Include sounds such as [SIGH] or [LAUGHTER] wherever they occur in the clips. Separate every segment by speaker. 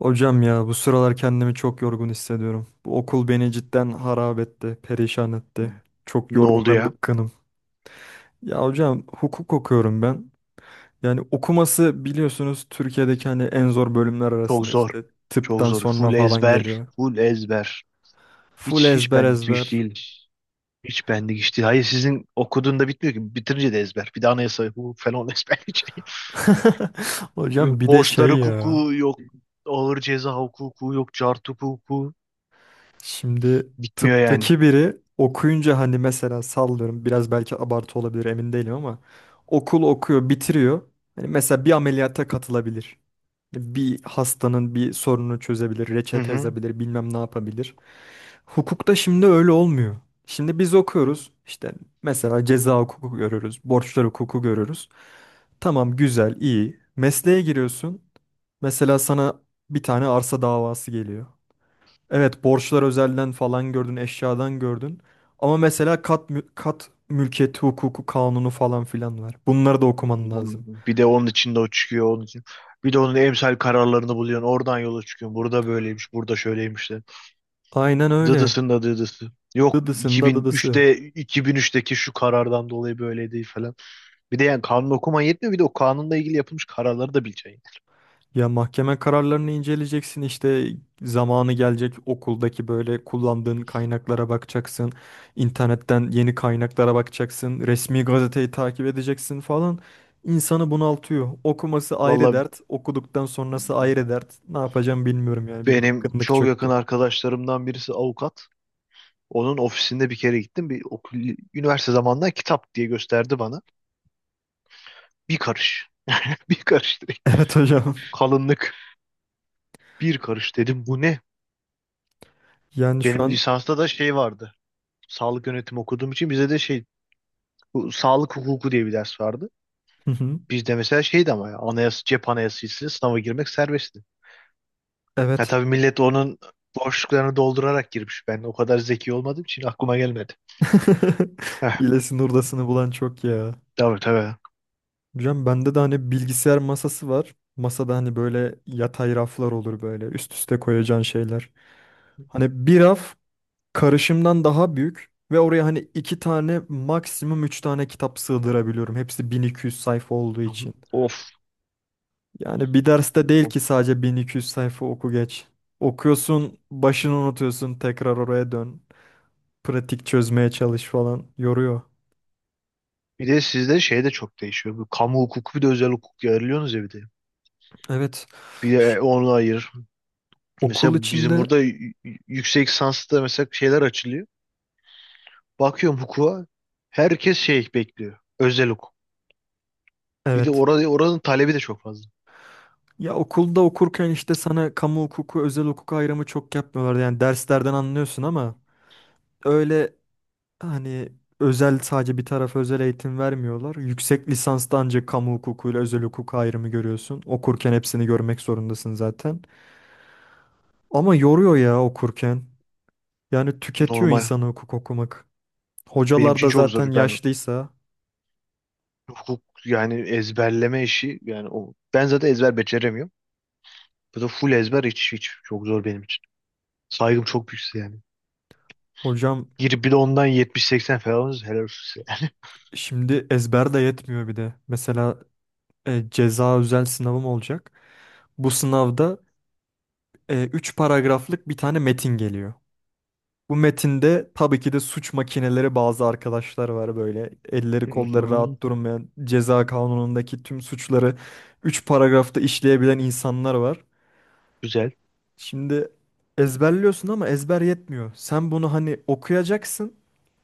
Speaker 1: Hocam ya bu sıralar kendimi çok yorgun hissediyorum. Bu okul beni cidden harap etti, perişan etti. Çok
Speaker 2: Ne
Speaker 1: yorgun
Speaker 2: oldu
Speaker 1: ve
Speaker 2: ya?
Speaker 1: bıkkınım. Ya hocam hukuk okuyorum ben. Yani okuması biliyorsunuz Türkiye'deki hani en zor bölümler
Speaker 2: Çok
Speaker 1: arasında
Speaker 2: zor.
Speaker 1: işte
Speaker 2: Çok
Speaker 1: tıptan
Speaker 2: zor.
Speaker 1: sonra
Speaker 2: Full
Speaker 1: falan
Speaker 2: ezber.
Speaker 1: geliyor.
Speaker 2: Full ezber.
Speaker 1: Full
Speaker 2: Hiç
Speaker 1: ezber
Speaker 2: bendik bir iş
Speaker 1: ezber.
Speaker 2: değil. Hiç bendik iş değil. Hayır sizin okuduğunda bitmiyor ki. Bitirince de ezber. Bir de anayasa hukuku falan [LAUGHS] ezber.
Speaker 1: [LAUGHS] Hocam bir de
Speaker 2: Borçlar
Speaker 1: şey ya.
Speaker 2: hukuku yok. Ağır ceza hukuku yok. Cart hukuku.
Speaker 1: Şimdi
Speaker 2: Bitmiyor yani.
Speaker 1: tıptaki biri okuyunca hani mesela sallıyorum, biraz belki abartı olabilir, emin değilim ama okul okuyor, bitiriyor. Hani mesela bir ameliyata katılabilir. Bir hastanın bir sorununu çözebilir,
Speaker 2: Hı
Speaker 1: reçete
Speaker 2: hı.
Speaker 1: yazabilir, bilmem ne yapabilir. Hukukta şimdi öyle olmuyor. Şimdi biz okuyoruz işte, mesela ceza hukuku görüyoruz, borçlar hukuku görüyoruz. Tamam, güzel, iyi. Mesleğe giriyorsun. Mesela sana bir tane arsa davası geliyor. Evet, borçlar özelden falan gördün, eşyadan gördün. Ama mesela kat, kat mülkiyeti hukuku kanunu falan filan var. Bunları da okuman lazım.
Speaker 2: Bir de onun içinde o çıkıyor. Onun için. Bir de onun emsal kararlarını buluyorsun. Oradan yola çıkıyorsun. Burada böyleymiş. Burada şöyleymiş.
Speaker 1: Aynen öyle.
Speaker 2: Dıdısın da dıdısı. Yok,
Speaker 1: Dıdısında dıdısı.
Speaker 2: 2003'te 2003'teki şu karardan dolayı böyle değil falan. Bir de yani kanun okuman yetmiyor, bir de o kanunla ilgili yapılmış kararları da bileceksin.
Speaker 1: Ya mahkeme kararlarını inceleyeceksin işte, zamanı gelecek okuldaki böyle kullandığın kaynaklara bakacaksın. İnternetten yeni kaynaklara bakacaksın. Resmi gazeteyi takip edeceksin falan. İnsanı bunaltıyor. Okuması ayrı
Speaker 2: Valla,
Speaker 1: dert, okuduktan sonrası ayrı dert. Ne yapacağım bilmiyorum, yani bir
Speaker 2: benim
Speaker 1: bıkkınlık
Speaker 2: çok yakın
Speaker 1: çöktü.
Speaker 2: arkadaşlarımdan birisi avukat. Onun ofisinde bir kere gittim. Bir okul, üniversite zamanında kitap diye gösterdi bana. Bir karış. [LAUGHS] Bir karış
Speaker 1: [LAUGHS]
Speaker 2: direkt.
Speaker 1: Evet hocam.
Speaker 2: Kalınlık. Bir karış dedim. Bu ne?
Speaker 1: Yani şu
Speaker 2: Benim
Speaker 1: an.
Speaker 2: lisansta da şey vardı. Sağlık yönetimi okuduğum için bize de şey, bu sağlık hukuku diye bir ders vardı.
Speaker 1: Hı hı.
Speaker 2: Bizde mesela şeydi ama ya anayasa, cep anayasasıyla sınava girmek serbestti. Ya
Speaker 1: Evet.
Speaker 2: tabii millet onun boşluklarını doldurarak girmiş. Ben o kadar zeki olmadığım için aklıma gelmedi.
Speaker 1: [LAUGHS]
Speaker 2: Heh,
Speaker 1: Hilesini hurdasını bulan çok ya.
Speaker 2: tabii tabii.
Speaker 1: Hocam bende de hani bilgisayar masası var. Masada hani böyle yatay raflar olur, böyle üst üste koyacağın şeyler. Hani bir raf karışımdan daha büyük ve oraya hani iki tane maksimum üç tane kitap sığdırabiliyorum. Hepsi 1200 sayfa olduğu için.
Speaker 2: Of,
Speaker 1: Yani bir derste değil
Speaker 2: of.
Speaker 1: ki, sadece 1200 sayfa oku geç. Okuyorsun, başını unutuyorsun, tekrar oraya dön. Pratik çözmeye çalış falan, yoruyor.
Speaker 2: Bir de sizde şey de çok değişiyor. Bu kamu hukuku bir de özel hukuk ayırıyorsunuz ya, bir de.
Speaker 1: Evet.
Speaker 2: Bir
Speaker 1: Ş-
Speaker 2: de onu ayır. Mesela
Speaker 1: Okul
Speaker 2: bizim
Speaker 1: içinde.
Speaker 2: burada yüksek lisansta mesela şeyler açılıyor. Bakıyorum hukuka herkes şey bekliyor. Özel hukuk. Bir de
Speaker 1: Evet.
Speaker 2: orada, oranın talebi de çok fazla.
Speaker 1: Ya okulda okurken işte sana kamu hukuku, özel hukuk ayrımı çok yapmıyorlardı. Yani derslerden anlıyorsun ama öyle hani özel sadece bir tarafa özel eğitim vermiyorlar. Yüksek lisansta ancak kamu hukukuyla özel hukuk ayrımı görüyorsun. Okurken hepsini görmek zorundasın zaten. Ama yoruyor ya okurken. Yani tüketiyor
Speaker 2: Normal.
Speaker 1: insanı hukuk okumak.
Speaker 2: Benim
Speaker 1: Hocalar
Speaker 2: için
Speaker 1: da
Speaker 2: çok
Speaker 1: zaten
Speaker 2: zor. Ben
Speaker 1: yaşlıysa,
Speaker 2: hukuk yani ezberleme işi yani o, ben zaten ezber beceremiyorum. Bu da full ezber, hiç çok zor benim için. Saygım çok büyük size yani.
Speaker 1: hocam.
Speaker 2: Girip bir de ondan 70-80 falan alırsanız helal olsun size yani. [LAUGHS]
Speaker 1: Şimdi ezber de yetmiyor bir de. Mesela ceza özel sınavım olacak. Bu sınavda 3 paragraflık bir tane metin geliyor. Bu metinde tabii ki de suç makineleri bazı arkadaşlar var, böyle elleri kolları
Speaker 2: Mhm.
Speaker 1: rahat durmayan, ceza kanunundaki tüm suçları 3 paragrafta işleyebilen insanlar var.
Speaker 2: Güzel.
Speaker 1: Şimdi ezberliyorsun ama ezber yetmiyor. Sen bunu hani okuyacaksın.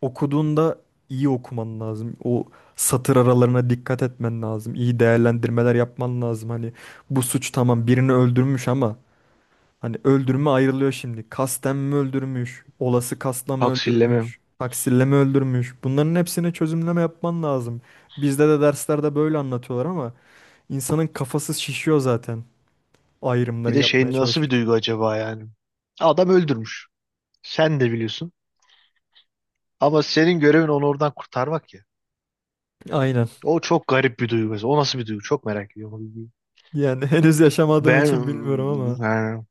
Speaker 1: Okuduğunda iyi okuman lazım. O satır aralarına dikkat etmen lazım. İyi değerlendirmeler yapman lazım. Hani bu suç, tamam birini öldürmüş ama hani öldürme ayrılıyor şimdi. Kasten mi öldürmüş? Olası kasla mı
Speaker 2: Taksillemem.
Speaker 1: öldürmüş? Taksirle mi öldürmüş? Bunların hepsine çözümleme yapman lazım. Bizde de derslerde böyle anlatıyorlar ama insanın kafası şişiyor zaten,
Speaker 2: Bir
Speaker 1: ayrımları
Speaker 2: de
Speaker 1: yapmaya
Speaker 2: şey, nasıl bir
Speaker 1: çalışırken.
Speaker 2: duygu acaba yani? Adam öldürmüş. Sen de biliyorsun. Ama senin görevin onu oradan kurtarmak ya.
Speaker 1: Aynen.
Speaker 2: O çok garip bir duygu mesela. O nasıl bir duygu? Çok merak ediyorum o duyguyu.
Speaker 1: Yani [LAUGHS] henüz yaşamadığım
Speaker 2: Ben
Speaker 1: için bilmiyorum ama
Speaker 2: yani,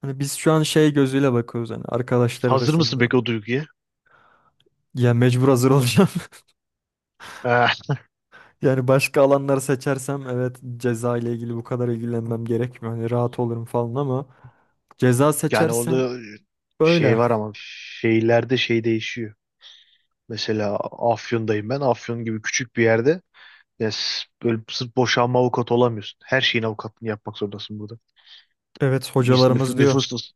Speaker 1: hani biz şu an şey gözüyle bakıyoruz, hani arkadaşlar
Speaker 2: hazır mısın
Speaker 1: arasında.
Speaker 2: peki o duyguya?
Speaker 1: Ya mecbur hazır olacağım. [LAUGHS]
Speaker 2: [LAUGHS]
Speaker 1: Yani başka alanları seçersem evet, ceza ile ilgili bu kadar ilgilenmem gerekmiyor. Hani rahat olurum falan ama ceza
Speaker 2: Yani
Speaker 1: seçersen
Speaker 2: orada
Speaker 1: böyle.
Speaker 2: şey var ama şehirlerde şey değişiyor. Mesela Afyon'dayım ben. Afyon gibi küçük bir yerde, ya böyle sırf boşanma avukatı olamıyorsun. Her şeyin avukatını yapmak zorundasın burada.
Speaker 1: Evet,
Speaker 2: İz-
Speaker 1: hocalarımız
Speaker 2: nüf-
Speaker 1: diyor.
Speaker 2: Nüfus,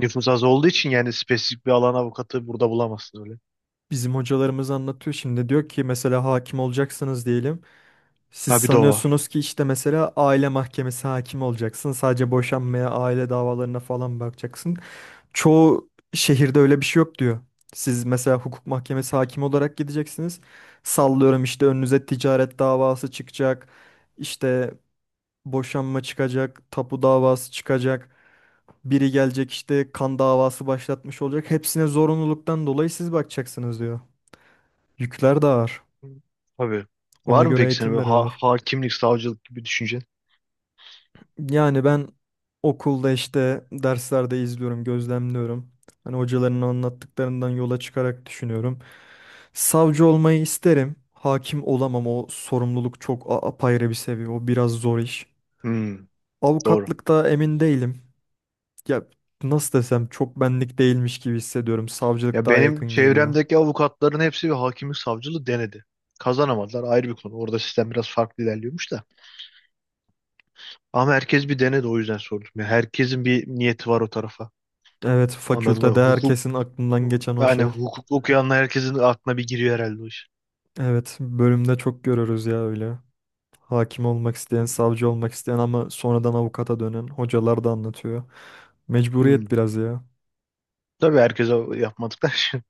Speaker 2: nüfus az olduğu için yani spesifik bir alan avukatı burada bulamazsın öyle.
Speaker 1: Bizim hocalarımız anlatıyor, şimdi diyor ki mesela hakim olacaksınız diyelim. Siz
Speaker 2: Ha, bir de o var.
Speaker 1: sanıyorsunuz ki işte mesela aile mahkemesi hakim olacaksın. Sadece boşanmaya, aile davalarına falan bakacaksın. Çoğu şehirde öyle bir şey yok diyor. Siz mesela hukuk mahkemesi hakimi olarak gideceksiniz. Sallıyorum işte önünüze ticaret davası çıkacak. İşte boşanma çıkacak, tapu davası çıkacak. Biri gelecek işte kan davası başlatmış olacak. Hepsine zorunluluktan dolayı siz bakacaksınız diyor. Yükler de ağır.
Speaker 2: Hı. Tabii.
Speaker 1: Ona
Speaker 2: Var mı
Speaker 1: göre
Speaker 2: peki senin
Speaker 1: eğitim
Speaker 2: böyle
Speaker 1: veriyorlar.
Speaker 2: hakimlik, savcılık gibi düşüncen?
Speaker 1: Yani ben okulda işte derslerde izliyorum, gözlemliyorum. Hani hocaların anlattıklarından yola çıkarak düşünüyorum. Savcı olmayı isterim. Hakim olamam. O sorumluluk çok apayrı bir seviye. O biraz zor iş.
Speaker 2: Hmm, doğru.
Speaker 1: Avukatlıkta emin değilim. Ya nasıl desem, çok benlik değilmiş gibi hissediyorum. Savcılık
Speaker 2: Ya
Speaker 1: daha
Speaker 2: benim
Speaker 1: yakın geliyor.
Speaker 2: çevremdeki avukatların hepsi bir hakimlik savcılığı denedi. Kazanamadılar, ayrı bir konu. Orada sistem biraz farklı ilerliyormuş da. Ama herkes bir denedi, o yüzden sordum. Ya herkesin bir niyeti var o tarafa.
Speaker 1: Evet,
Speaker 2: Anladım.
Speaker 1: fakültede
Speaker 2: Hukuk,
Speaker 1: herkesin aklından geçen o
Speaker 2: yani
Speaker 1: şey.
Speaker 2: hukuk okuyanlar herkesin aklına bir giriyor herhalde o iş.
Speaker 1: Evet, bölümde çok görürüz ya öyle. Hakim olmak isteyen, savcı olmak isteyen ama sonradan avukata dönen hocalar da anlatıyor. Mecburiyet
Speaker 2: Hmm.
Speaker 1: biraz ya.
Speaker 2: Tabii herkese yapmadıklar şey.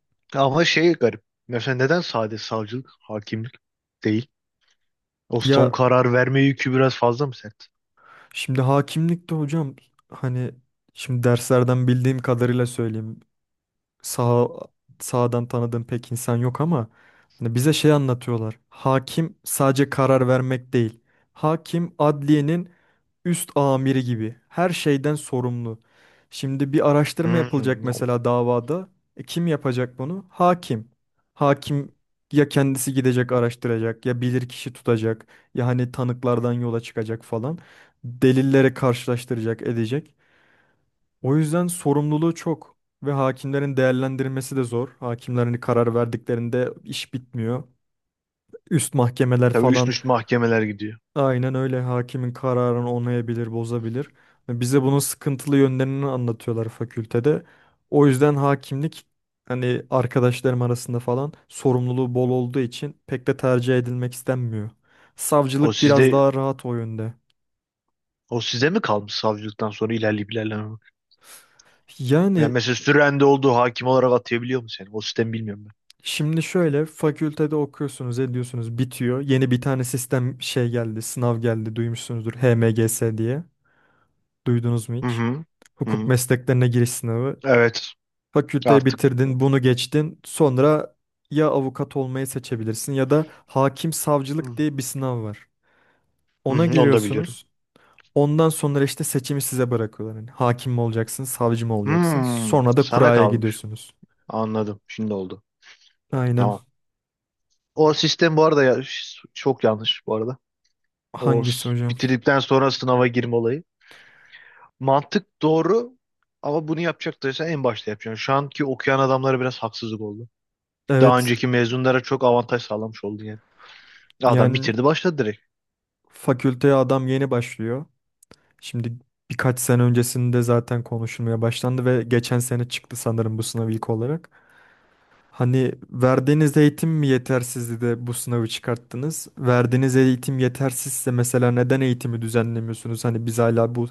Speaker 2: [LAUGHS] Ama şey garip. Mesela neden sadece savcılık, hakimlik değil? O son
Speaker 1: Ya.
Speaker 2: karar verme yükü biraz fazla mı sert?
Speaker 1: Şimdi hakimlikte hocam, hani şimdi derslerden bildiğim kadarıyla söyleyeyim, sağ sağdan tanıdığım pek insan yok ama hani bize şey anlatıyorlar. Hakim sadece karar vermek değil. Hakim adliyenin üst amiri gibi. Her şeyden sorumlu. Şimdi bir araştırma
Speaker 2: Hmm.
Speaker 1: yapılacak
Speaker 2: No.
Speaker 1: mesela davada. Kim yapacak bunu? Hakim. Hakim ya kendisi gidecek araştıracak, ya bilirkişi tutacak, ya hani tanıklardan yola çıkacak falan. Delilleri karşılaştıracak edecek. O yüzden sorumluluğu çok ve hakimlerin değerlendirmesi de zor. Hakimlerin karar verdiklerinde iş bitmiyor. Üst mahkemeler
Speaker 2: Tabii üst
Speaker 1: falan,
Speaker 2: üste mahkemeler gidiyor.
Speaker 1: aynen öyle, hakimin kararını onayabilir, bozabilir. Bize bunun sıkıntılı yönlerini anlatıyorlar fakültede. O yüzden hakimlik hani arkadaşlarım arasında falan sorumluluğu bol olduğu için pek de tercih edilmek istenmiyor.
Speaker 2: O
Speaker 1: Savcılık biraz
Speaker 2: sizde,
Speaker 1: daha rahat o yönde.
Speaker 2: o size mi kalmış savcılıktan sonra ilerleyip ilerlememek? Yani
Speaker 1: Yani.
Speaker 2: mesela sürende olduğu hakim olarak atayabiliyor mu seni? O sistemi bilmiyorum
Speaker 1: Şimdi şöyle, fakültede okuyorsunuz, ediyorsunuz, bitiyor. Yeni bir tane sistem şey geldi, sınav geldi, duymuşsunuzdur HMGS diye. Duydunuz mu
Speaker 2: ben. Hı
Speaker 1: hiç?
Speaker 2: hı. Hı
Speaker 1: Hukuk
Speaker 2: hı.
Speaker 1: mesleklerine giriş sınavı.
Speaker 2: Evet.
Speaker 1: Fakülteyi
Speaker 2: Artık.
Speaker 1: bitirdin, bunu geçtin. Sonra ya avukat olmayı seçebilirsin ya da hakim savcılık
Speaker 2: Hmm,
Speaker 1: diye bir sınav var.
Speaker 2: hı
Speaker 1: Ona
Speaker 2: hı, onu da biliyorum.
Speaker 1: giriyorsunuz. Ondan sonra işte seçimi size bırakıyorlar. Yani hakim mi olacaksın, savcı mı olacaksın?
Speaker 2: Hmm,
Speaker 1: Sonra da
Speaker 2: sana
Speaker 1: kuraya
Speaker 2: kalmış.
Speaker 1: gidiyorsunuz.
Speaker 2: Anladım. Şimdi oldu.
Speaker 1: Aynen.
Speaker 2: Tamam. O sistem bu arada ya, çok yanlış bu arada. O
Speaker 1: Hangisi hocam?
Speaker 2: bitirdikten sonra sınava girme olayı. Mantık doğru ama bunu yapacaktıysan en başta yapacaksın. Şu anki okuyan adamlara biraz haksızlık oldu. Daha
Speaker 1: Evet.
Speaker 2: önceki mezunlara çok avantaj sağlamış oldun yani. Adam
Speaker 1: Yani.
Speaker 2: bitirdi başladı direkt.
Speaker 1: Fakülteye adam yeni başlıyor. Şimdi birkaç sene öncesinde zaten konuşulmaya başlandı ve geçen sene çıktı sanırım bu sınav ilk olarak. Hani verdiğiniz eğitim mi yetersizdi de bu sınavı çıkarttınız? Verdiğiniz eğitim yetersizse mesela neden eğitimi düzenlemiyorsunuz? Hani biz hala bu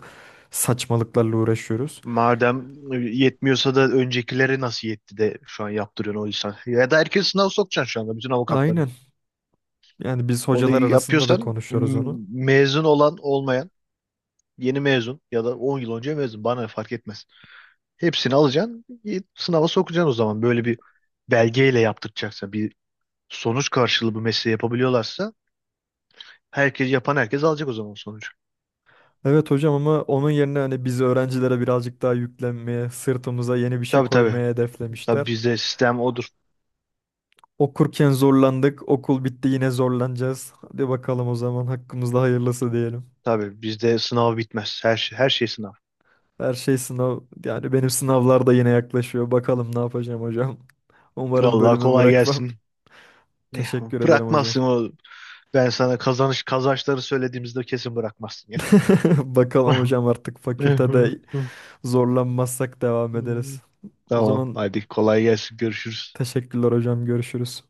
Speaker 1: saçmalıklarla uğraşıyoruz.
Speaker 2: Madem yetmiyorsa da öncekileri nasıl yetti de şu an yaptırıyorsun o insan. Ya da herkes sınav sokacaksın şu anda bütün avukatları.
Speaker 1: Aynen. Yani biz
Speaker 2: Onu
Speaker 1: hocalar arasında da
Speaker 2: yapıyorsan
Speaker 1: konuşuyoruz onu.
Speaker 2: mezun olan olmayan, yeni mezun ya da 10 yıl önce mezun bana ne, fark etmez. Hepsini alacaksın, sınava sokacaksın o zaman. Böyle bir belgeyle yaptıracaksa bir sonuç karşılığı bu mesleği yapabiliyorlarsa herkes, yapan herkes alacak o zaman sonucu.
Speaker 1: Evet hocam, ama onun yerine hani biz öğrencilere birazcık daha yüklenmeye, sırtımıza yeni bir şey
Speaker 2: Tabii tabii.
Speaker 1: koymaya
Speaker 2: Tabii
Speaker 1: hedeflemişler.
Speaker 2: bizde sistem odur.
Speaker 1: Okurken zorlandık. Okul bitti, yine zorlanacağız. Hadi bakalım o zaman, hakkımızda hayırlısı diyelim.
Speaker 2: Tabii bizde sınav bitmez. Her şey, her şey sınav.
Speaker 1: Her şey sınav, yani benim sınavlar da yine yaklaşıyor. Bakalım ne yapacağım hocam. [LAUGHS] Umarım
Speaker 2: Vallahi
Speaker 1: bölümü
Speaker 2: kolay
Speaker 1: bırakmam.
Speaker 2: gelsin.
Speaker 1: [LAUGHS]
Speaker 2: Ne-
Speaker 1: Teşekkür ederim hocam.
Speaker 2: Bırakmazsın o. Ben sana kazanış kazançları söylediğimizde kesin bırakmazsın
Speaker 1: [LAUGHS] Bakalım
Speaker 2: yani.
Speaker 1: hocam, artık fakültede zorlanmazsak devam ederiz.
Speaker 2: [LAUGHS]
Speaker 1: O
Speaker 2: Tamam.
Speaker 1: zaman
Speaker 2: Hadi kolay gelsin. Görüşürüz.
Speaker 1: teşekkürler hocam. Görüşürüz.